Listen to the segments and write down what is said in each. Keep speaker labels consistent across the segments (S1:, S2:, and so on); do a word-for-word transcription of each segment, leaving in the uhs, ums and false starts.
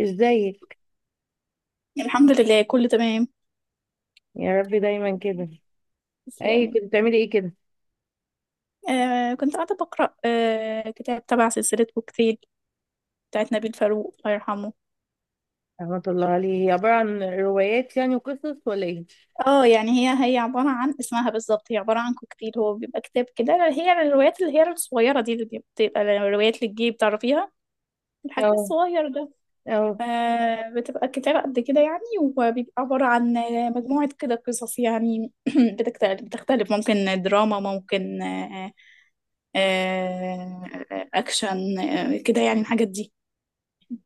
S1: ازيك؟
S2: الحمد لله، كله تمام.
S1: يا رب دايما كده. اي،
S2: تسلمي.
S1: كنت بتعملي ايه كده؟
S2: آه، كنت قاعدة بقرأ آه كتاب تبع سلسلة كوكتيل بتاعت نبيل فاروق، الله يرحمه.
S1: رحمة الله عليه. هي عبارة عن روايات يعني وقصص ولا ايه؟
S2: اه يعني هي هي عبارة عن، اسمها بالظبط هي عبارة عن كوكتيل. هو بيبقى كتاب كده، هي الروايات اللي هي الصغيرة دي، اللي بتبقى الروايات للجيب، تعرفيها؟ الحجم
S1: اه.
S2: الصغير ده.
S1: اه.
S2: آه بتبقى كتاب قد كده يعني، وبيبقى عبارة عن مجموعة كده قصص يعني. بتكت- بتختلف، ممكن دراما، ممكن آه، آه، اكشن، آه، كده يعني الحاجات دي.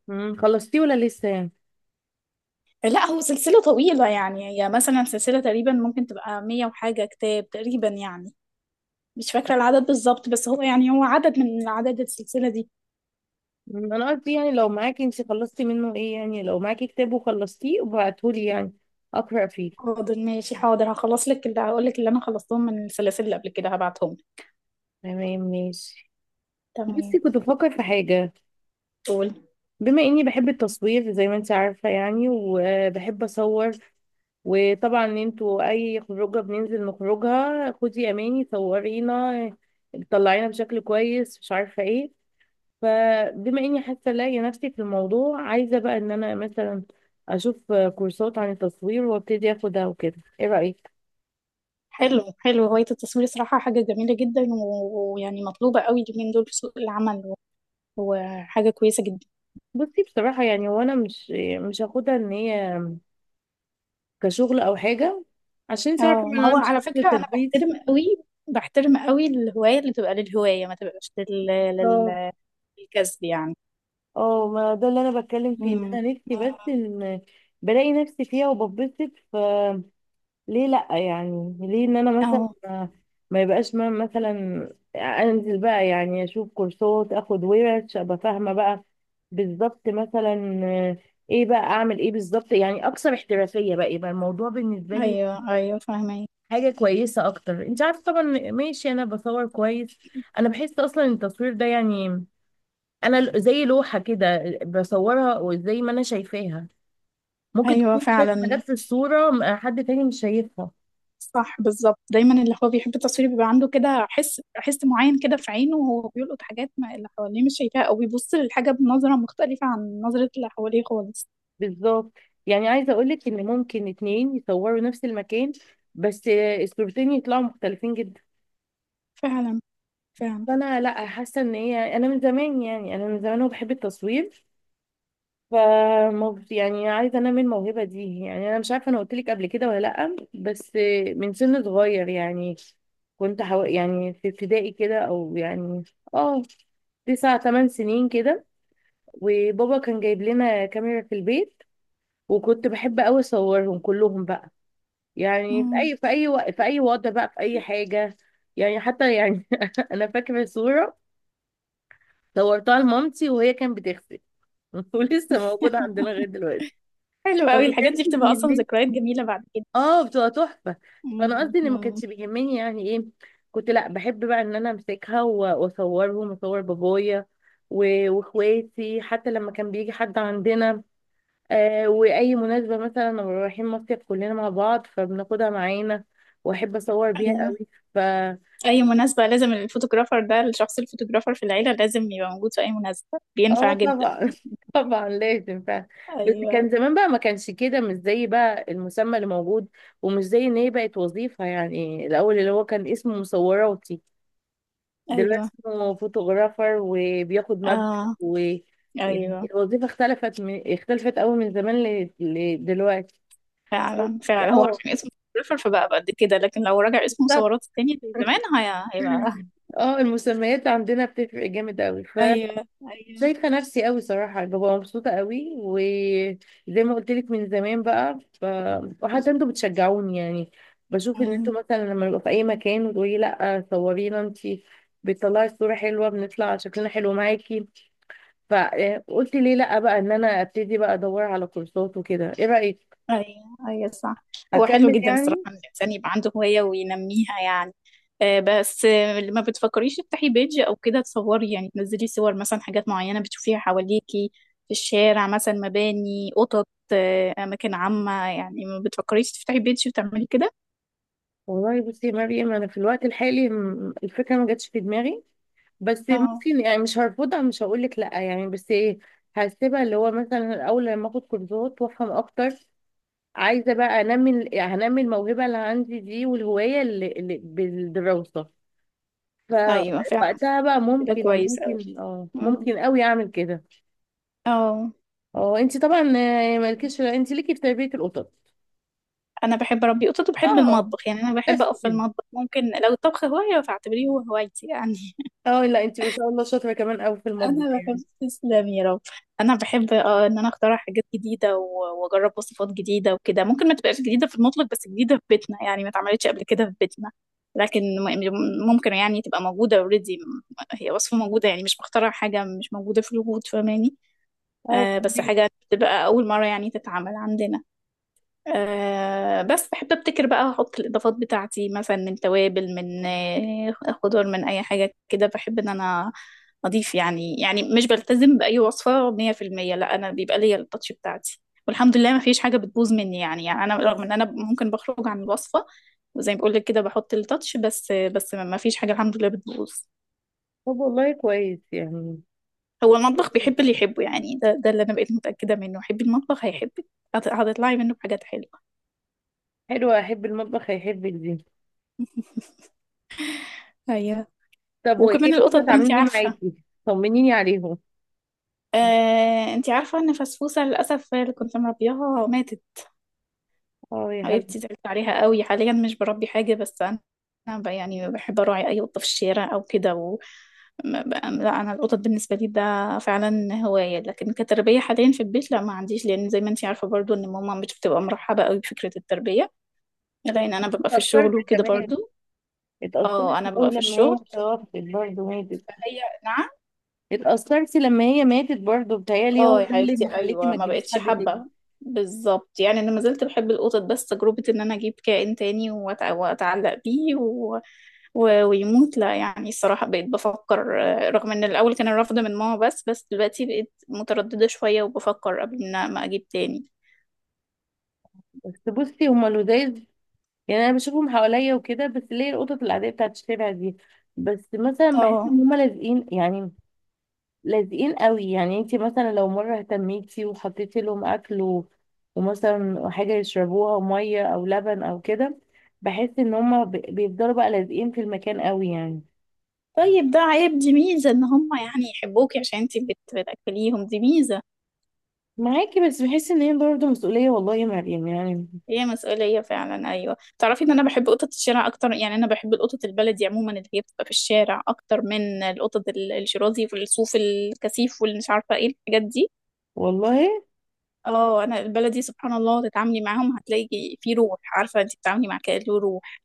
S1: أمم، خلصتيه ولا لسه يعني؟
S2: لا، هو سلسلة طويلة يعني. هي مثلا سلسلة تقريبا ممكن تبقى مية وحاجة كتاب تقريبا يعني. مش فاكرة العدد بالظبط، بس هو يعني هو عدد من عدد السلسلة دي.
S1: أمم، انا قصدي يعني لو معاكي، انت خلصتي منه ايه، يعني لو معاكي كتاب وخلصتيه وبعتهولي يعني اقرا فيه.
S2: حاضر ماشي حاضر، هخلص لك. اللي هقول لك اللي انا خلصتهم من السلاسل اللي قبل كده هبعتهم لك.
S1: تمام، ماشي.
S2: تمام.
S1: بصي، كنت بفكر في حاجة.
S2: قول.
S1: بما اني بحب التصوير زي ما انت عارفة يعني، وبحب اصور. وطبعا انتوا اي خروجه بننزل نخرجها، خدي اماني صورينا، طلعينا بشكل كويس، مش عارفه ايه. فبما اني حاسه الاقي نفسي في الموضوع، عايزه بقى ان انا مثلا اشوف كورسات عن التصوير وابتدي اخدها وكده، ايه رايك؟
S2: حلو حلو، هواية التصوير صراحة حاجة جميلة جدا، و- ويعني مطلوبة قوي اليومين دول في سوق العمل، وحاجة كويسة جدا.
S1: بصي، بصراحه يعني وانا مش مش هاخدها ان هي كشغل او حاجه، عشان انت عارفه
S2: اه،
S1: ان
S2: ما
S1: انا
S2: هو
S1: عندي
S2: على
S1: شغل
S2: فكرة انا
S1: تدريس.
S2: بحترم قوي بحترم قوي الهواية اللي تبقى للهواية، ما تبقاش لل... لل... للكسب يعني.
S1: اه، ما ده اللي انا بتكلم فيه ان
S2: امم.
S1: انا نفسي بس ان بلاقي نفسي فيها وببسط، ف ليه لا يعني، ليه ان انا مثلا
S2: اه.
S1: ما ما يبقاش، ما مثلا انزل بقى يعني اشوف كورسات، اخد ورش، ابقى فاهمه بقى بالظبط، مثلا آه، ايه بقى اعمل ايه بالظبط يعني، اكثر احترافيه بقى يبقى الموضوع بالنسبه لي
S2: ايوه ايوه، فاهمة.
S1: حاجه كويسه اكتر، انت عارفه طبعا. ماشي، انا بصور كويس. انا بحس اصلا التصوير ده يعني انا ل- زي لوحه كده بصورها وزي ما انا شايفاها. ممكن
S2: ايوه
S1: تكون شايف حاجات
S2: فعلا.
S1: في الصوره م- حد تاني مش شايفها.
S2: صح، بالظبط. دايما اللي هو بيحب التصوير بيبقى عنده كده حس حس معين كده في عينه، وهو بيلقط حاجات، ما اللي حواليه مش شايفاها، او بيبص للحاجه بنظره مختلفه عن نظره اللي حواليه خالص.
S1: بالظبط. يعني عايزه اقول لك ان ممكن اتنين يصوروا نفس المكان، بس الصورتين يطلعوا مختلفين جدا.
S2: فعلا. فعلا.
S1: فانا، لا، حاسه ان هي انا من زمان يعني، انا من زمان وبحب التصوير. فمو- يعني عايزه انمي الموهبه دي يعني، انا مش عارفه انا قلت لك قبل كده ولا لا، بس من سن صغير يعني كنت حو... يعني في ابتدائي كده او يعني، اه، تسع تمن سنين كده. وبابا كان جايب لنا كاميرا في البيت. وكنت بحب قوي اصورهم كلهم بقى، يعني في
S2: مم.
S1: اي في اي وق- في اي وضع بقى في اي حاجه. يعني حتى يعني انا فاكره صوره، صورتها لمامتي وهي كانت بتغسل. ولسه موجوده عندنا لغايه دلوقتي.
S2: حلو
S1: فما
S2: قوي، الحاجات دي
S1: كانش
S2: بتبقى اصلا
S1: بيهمني.
S2: ذكريات جميله بعد كده.
S1: اه، بتبقى تحفه. فانا
S2: مم.
S1: قصدي ان ما
S2: مم.
S1: كانش بيهمني يعني ايه، كنت لا بحب بقى ان انا امسكها و- واصورهم واصور بابايا و- واخواتي حتى لما كان بيجي حد عندنا. آه واي مناسبه مثلا لما رايحين مصيف كلنا مع بعض فبناخدها معانا، واحب اصور بيها
S2: أيوه.
S1: قوي. ف
S2: اي مناسبة لازم الفوتوغرافر ده، الشخص الفوتوغرافر في العيلة لازم يبقى موجود في اي مناسبة،
S1: اه،
S2: بينفع جدا.
S1: طبعا، طبعا لازم فعلا. بس
S2: ايوه.
S1: كان زمان بقى ما كانش كده، مش زي بقى المسمى اللي موجود، ومش زي ان هي بقت وظيفه يعني، الاول اللي هو كان اسمه مصوراتي.
S2: ايوه.
S1: دلوقتي هو فوتوغرافر وبياخد مبلغ.
S2: اه،
S1: و يعني
S2: ايوه،
S1: الوظيفة اختلفت من... اختلفت قوي من زمان ل... لدلوقتي. بس.
S2: فعلا فعلا. هو
S1: اه.
S2: عشان اسمه فوتوغرافر فبقى قد كده، لكن لو رجع اسمه
S1: بالظبط.
S2: مصورات التاني زي زمان هي- هيبقى
S1: اه، المسميات عندنا بتفرق جامد قوي.
S2: ايوه، ايوه.
S1: فشايفة نفسي قوي صراحة، ببقى مبسوطة قوي وزي ما قلت لك من زمان بقى ف... وحتى انتوا بتشجعوني يعني، بشوف ان انتوا مثلا لما نبقى في اي مكان وتقولي لا صورينا انتي، بتطلعي الصورة حلوة، بنطلع شكلنا حلو معاكي. فقلت ليه لا بقى ان انا ابتدي بقى ادور على كورسات وكده، ايه رايك؟
S2: ايوه، ايوه، صح. هو حلو
S1: اكمل
S2: جدا الصراحه،
S1: يعني.
S2: ان الانسان يبقى عنده هوايه وينميها يعني. آه، بس، آه، ما بتفكريش تفتحي بيج او كده؟ تصوري يعني تنزلي صور مثلا حاجات معينه بتشوفيها حواليكي، في الشارع مثلا مباني، قطط، آه، اماكن عامه يعني. ما بتفكريش تفتحي بيج وتعملي كده؟
S1: والله بصي يا مريم، انا في الوقت الحالي م- الفكره ما جاتش في دماغي. بس
S2: اه،
S1: ممكن يعني، مش هرفضها، مش هقول لك لا يعني، بس ايه، هسيبها اللي هو مثلا الاول لما اخد كورسات وافهم اكتر. عايزه بقى انمي ال- يعني هنمي الموهبه اللي عندي دي والهوايه اللي, اللي بالدراسه.
S2: ايوه فعلا.
S1: فوقتها بقى
S2: كده
S1: ممكن
S2: كويس قوي.
S1: ممكن اه ممكن قوي اعمل كده.
S2: اه.
S1: اه، انت طبعا، آه، مالكيش انت ليكي في تربية القطط.
S2: انا بحب اربي قطط وبحب
S1: اه،
S2: المطبخ، يعني انا بحب
S1: بس
S2: اقف في
S1: كده.
S2: المطبخ. ممكن لو الطبخ هوايه فاعتبريه هو هوايتي انا.
S1: اه، لا، انت ما شاء الله شاطرة كمان قوي في المطبخ
S2: انا بحب،
S1: يعني.
S2: تسلم يا رب. انا بحب اه ان انا اخترع حاجات جديده و- واجرب وصفات جديده وكده. ممكن ما تبقاش جديده في المطلق، بس جديده في بيتنا يعني، ما اتعملتش قبل كده في بيتنا. لكن م- يعني ممكن يعني تبقى موجوده اوريدي، هي وصفه موجوده يعني، مش بخترع حاجه مش موجوده في الوجود، فاهماني؟
S1: اه،
S2: آه بس
S1: فهمك.
S2: حاجه تبقى اول مره يعني تتعمل عندنا. آه بس بحب ابتكر بقى، احط الاضافات بتاعتي مثلا من توابل، من آه، خضار، من اي حاجه كده. بحب ان انا اضيف، يعني يعني مش بلتزم باي وصفه مية في المية. لا، انا بيبقى ليا التاتش بتاعتي. والحمد لله ما فيش حاجه بتبوظ مني يعني, يعني انا رغم ان انا ممكن بخرج عن الوصفه، وزي ما بقول لك كده بحط التاتش، بس بس ما فيش حاجه الحمد لله بتبوظ.
S1: طب، والله كويس يعني.
S2: هو المطبخ بيحب اللي يحبه يعني، ده ده اللي انا بقيت متاكده منه، حبي المطبخ هيحبك، هت- هتطلعي منه بحاجات حلوه.
S1: حلوة احب المطبخ هيحبك دي.
S2: ايوه.
S1: طب، وايه
S2: وكمان القطط
S1: القطط
S2: بقى، انت
S1: عاملين ايه
S2: عارفه.
S1: معاكي؟ طمنيني عليهم.
S2: آه، انتي عارفة ان فسفوسة للأسف اللي كنت مربياها ماتت.
S1: اه، يا
S2: حبيبتي،
S1: حبيبتي.
S2: زعلت عليها قوي. حاليا مش بربي حاجة، بس أنا أنا ب- يعني بحب أراعي أي قطة في الشارع أو كده و ما ب- لا، أنا القطط بالنسبة لي ده فعلا هواية، لكن كتربية حاليا في البيت لا ما عنديش، لأن زي ما انتي عارفة برضو ان ماما مش بتبقى مرحبة قوي بفكرة التربية، لأن أنا ببقى في
S1: اتأثرت
S2: الشغل وكده
S1: كمان.
S2: برضو. اه،
S1: اتأثرت
S2: أنا
S1: قوي
S2: ببقى في
S1: لما
S2: الشغل
S1: هي توفت برضه، ماتت.
S2: فهي، نعم.
S1: اتأثرتي لما هي ماتت برضه، بتهيألي هو
S2: اه يا
S1: ده اللي
S2: حبيبتي،
S1: مخليكي
S2: ايوه
S1: ما
S2: ما
S1: تجيبيش
S2: بقتش
S1: حد تاني.
S2: حابه. بالظبط يعني، انا ما زلت بحب القطط، بس تجربه ان انا اجيب كائن تاني وأتع- واتعلق بيه و... و... ويموت، لا يعني الصراحه بقيت بفكر. آه، رغم ان الاول كان الرفض من ماما، بس بس دلوقتي بقيت متردده شويه وبفكر قبل ان ما اجيب تاني.
S1: بس بصي، هما لذاذ. يعني انا بشوفهم حواليا وكده، بس ليه القطط العاديه بتاعت الشارع دي، بس مثلا بحس
S2: اه،
S1: ان هما لازقين يعني، لازقين قوي. يعني انت مثلا لو مره اهتميتي وحطيتي لهم اكل و- ومثلا حاجه يشربوها ميه او لبن او كده، بحس ان هما ب- بيفضلوا بقى لازقين في المكان قوي يعني.
S2: طيب، ده عيب. دي ميزه ان هم يعني يحبوكي عشان انتي بت... بتاكليهم، دي ميزه.
S1: معاكي، بس بحس ان هي برضه مسؤوليه، والله يا مريم يعني.
S2: هي مسؤولية فعلا، أيوة. تعرفي إن أنا بحب قطط الشارع أكتر، يعني أنا بحب القطط البلدي عموما، اللي هي بتبقى في الشارع، أكتر من القطط ال- الشرازي والصوف الكثيف واللي مش عارفة إيه الحاجات دي.
S1: والله.
S2: اه، أنا البلدي سبحان الله تتعاملي معاهم هتلاقي في روح، عارفة أنت بتتعاملي مع كائن له روح.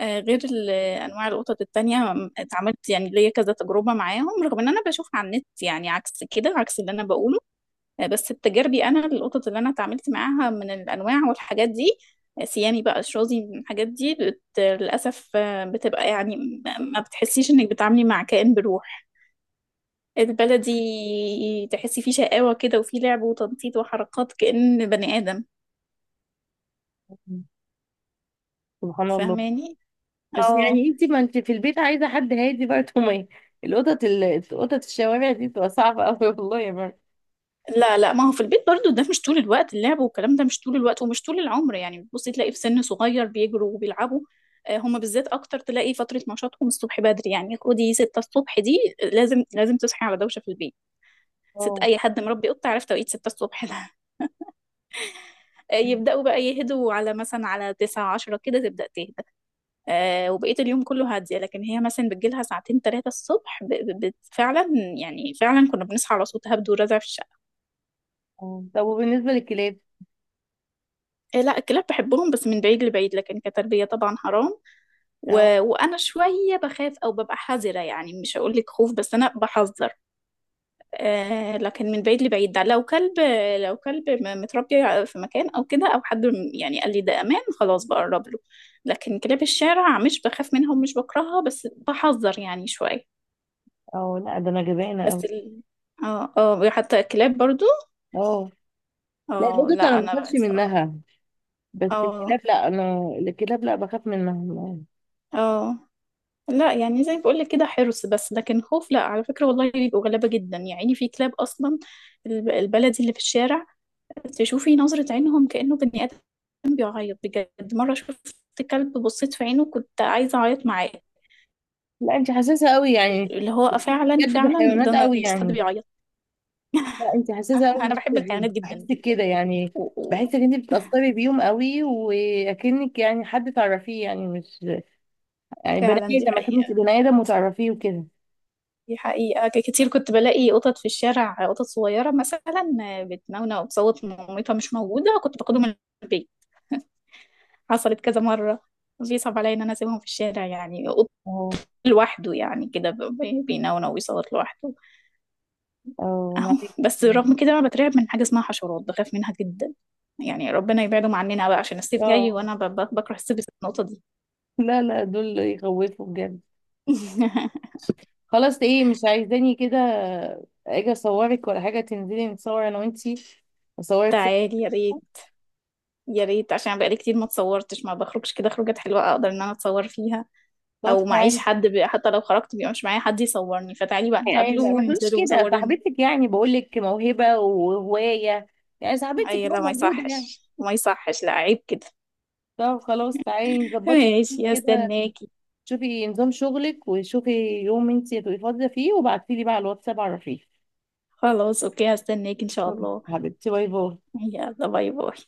S2: آه غير ال- أنواع القطط التانية، م- اتعاملت يعني ليا كذا تجربة معاهم، رغم إن أنا بشوفها على النت يعني عكس كده، عكس اللي أنا بقوله. آه، بس بتجاربي انا، القطط اللي انا اتعاملت معاها من الانواع والحاجات دي، آه، سيامي بقى، شرازي، من الحاجات دي بت... للاسف، آه، بتبقى يعني م- ما بتحسيش انك بتعاملي مع كائن بروح. البلدي تحسي فيه شقاوة كده، وفيه لعب وتنطيط وحركات كأن بني آدم،
S1: سبحان الله.
S2: فاهماني؟
S1: بس
S2: اه.
S1: يعني انت، ما انت في البيت عايزه حد هادي برضه، ما القطط ال- قطط الشوارع دي بتبقى صعبه قوي، والله يا مرة.
S2: لا، لا، ما هو في البيت برضو ده مش طول الوقت اللعب والكلام، ده مش طول الوقت ومش طول العمر يعني، بتبصي تلاقي في سن صغير بيجروا وبيلعبوا. آه، هما بالذات اكتر تلاقي فترة نشاطهم الصبح بدري يعني، خدي ستة الصبح دي لازم لازم تصحي على دوشة في البيت. ست
S1: اه.
S2: اي حد مربي قطة عارف توقيت ستة الصبح ده. آه، يبدأوا بقى يهدوا على، مثلا على تسعة عشرة كده تبدأ تهدى. آه، وبقية اليوم كله هادية، لكن هي مثلا بتجيلها ساعتين ثلاثة الصبح ب- ب- بت- فعلا، يعني فعلا كنا بنصحى على صوت هبد ورزع في الشقة.
S1: اه. طب، وبالنسبه للكلاب؟
S2: آه، لا، الكلاب بحبهم بس من بعيد لبعيد، لكن كتربية طبعا حرام،
S1: اه.
S2: و... وأنا شوية بخاف أو ببقى حذرة، يعني مش هقولك خوف، بس أنا بحذر. آه لكن من بعيد لبعيد، ده لو كلب. لو كلب م- متربي في مكان أو كده، أو حد م- يعني قال لي ده أمان خلاص بقرب له. لكن كلاب الشارع مش بخاف منهم، مش بكرهها بس بحذر يعني شوية.
S1: اه. لا، ده انا جبانه
S2: بس
S1: قوي.
S2: ال... اه، اه، حتى الكلاب برضو.
S1: اه، لا،
S2: اه،
S1: القطط انا
S2: لا،
S1: ما
S2: أنا بقى
S1: بخافش
S2: الصراحة.
S1: منها. بس
S2: اه.
S1: الكلاب، لا، انا الكلاب لا بخاف منها.
S2: اه، لا، يعني زي ما بقولك كده حرص بس، لكن خوف لا على فكرة، والله بيبقوا غلابة جدا يعني، في كلاب أصلا الب- البلدي اللي في الشارع، تشوفي نظرة عينهم كأنه بني آدم، بيعيط بجد. مرة شفت كلب بصيت في عينه كنت عايزة أعيط معاه،
S1: لا، انت حساسه قوي يعني.
S2: اللي هو
S1: بتحسي
S2: فعلا
S1: بجد
S2: فعلا، ده
S1: بالحيوانات
S2: أنا
S1: قوي
S2: بس حد
S1: يعني.
S2: بيعيط.
S1: لا، انت حساسه قوي في
S2: أنا بحب
S1: الحتة دي.
S2: الحيوانات جدا
S1: بحسك
S2: جدا
S1: كده يعني.
S2: و- و-
S1: بحس ان انت بتتاثري بيهم قوي واكنك يعني حد تعرفيه، يعني مش، يعني بني
S2: فعلا دي
S1: ادم، اكنك
S2: حقيقة،
S1: بني ادم وتعرفيه وكده.
S2: دي حقيقة، ك- كتير كنت بلاقي قطط في الشارع، قطط صغيرة مثلا بتنونة وبصوت مامتها مش موجودة، كنت باخدهم البيت، حصلت كذا مرة. بيصعب عليا ان انا اسيبهم في الشارع، يعني قط
S1: اه.
S2: لوحده يعني كده ب- ب- بينونو ويصوت لوحده.
S1: اه.
S2: اهو. بس
S1: معلش.
S2: رغم كده انا بترعب من حاجة اسمها حشرات، بخاف منها جدا، يعني ربنا يبعدهم عننا بقى، عشان الصيف جاي
S1: اه،
S2: وانا ب- ب- بكره الصيف بسبب النقطة دي.
S1: لا، لا، دول يخوفوا بجد. خلاص، ايه مش عايزاني كده؟ اجي اصورك ولا حاجه؟ تنزلي نتصور انا وانتي؟ اصورك صور.
S2: تعالي يا ريت، يا ريت، عشان بقالي كتير ما اتصورتش، ما بخرجش كده خروجات حلوة اقدر ان انا اتصور فيها،
S1: طب
S2: او معيش
S1: تعالي،
S2: حد بي... حتى لو خرجت بيبقى مش معايا حد يصورني، فتعالي بقى
S1: يعني ما
S2: نتقابلوا
S1: ما تقوليش
S2: وننزلوا
S1: كده،
S2: وصوريني.
S1: صاحبتك يعني بقول لك موهبه وهوايه، يعني صاحبتك
S2: اي، لا،
S1: هو
S2: ما
S1: موجوده يعني.
S2: يصحش ما يصحش، لا عيب كده.
S1: طب خلاص تعالي نظبطي
S2: ماشي،
S1: كده،
S2: هستناكي.
S1: شوفي نظام شغلك وشوفي يوم انتي هتبقي فاضيه فيه، وبعتيلي بقى على الواتساب عرفيني.
S2: خلاص اوكي، هستناكي ان شاء الله.
S1: حبيبتي، باي باي.
S2: يلا، باي باي.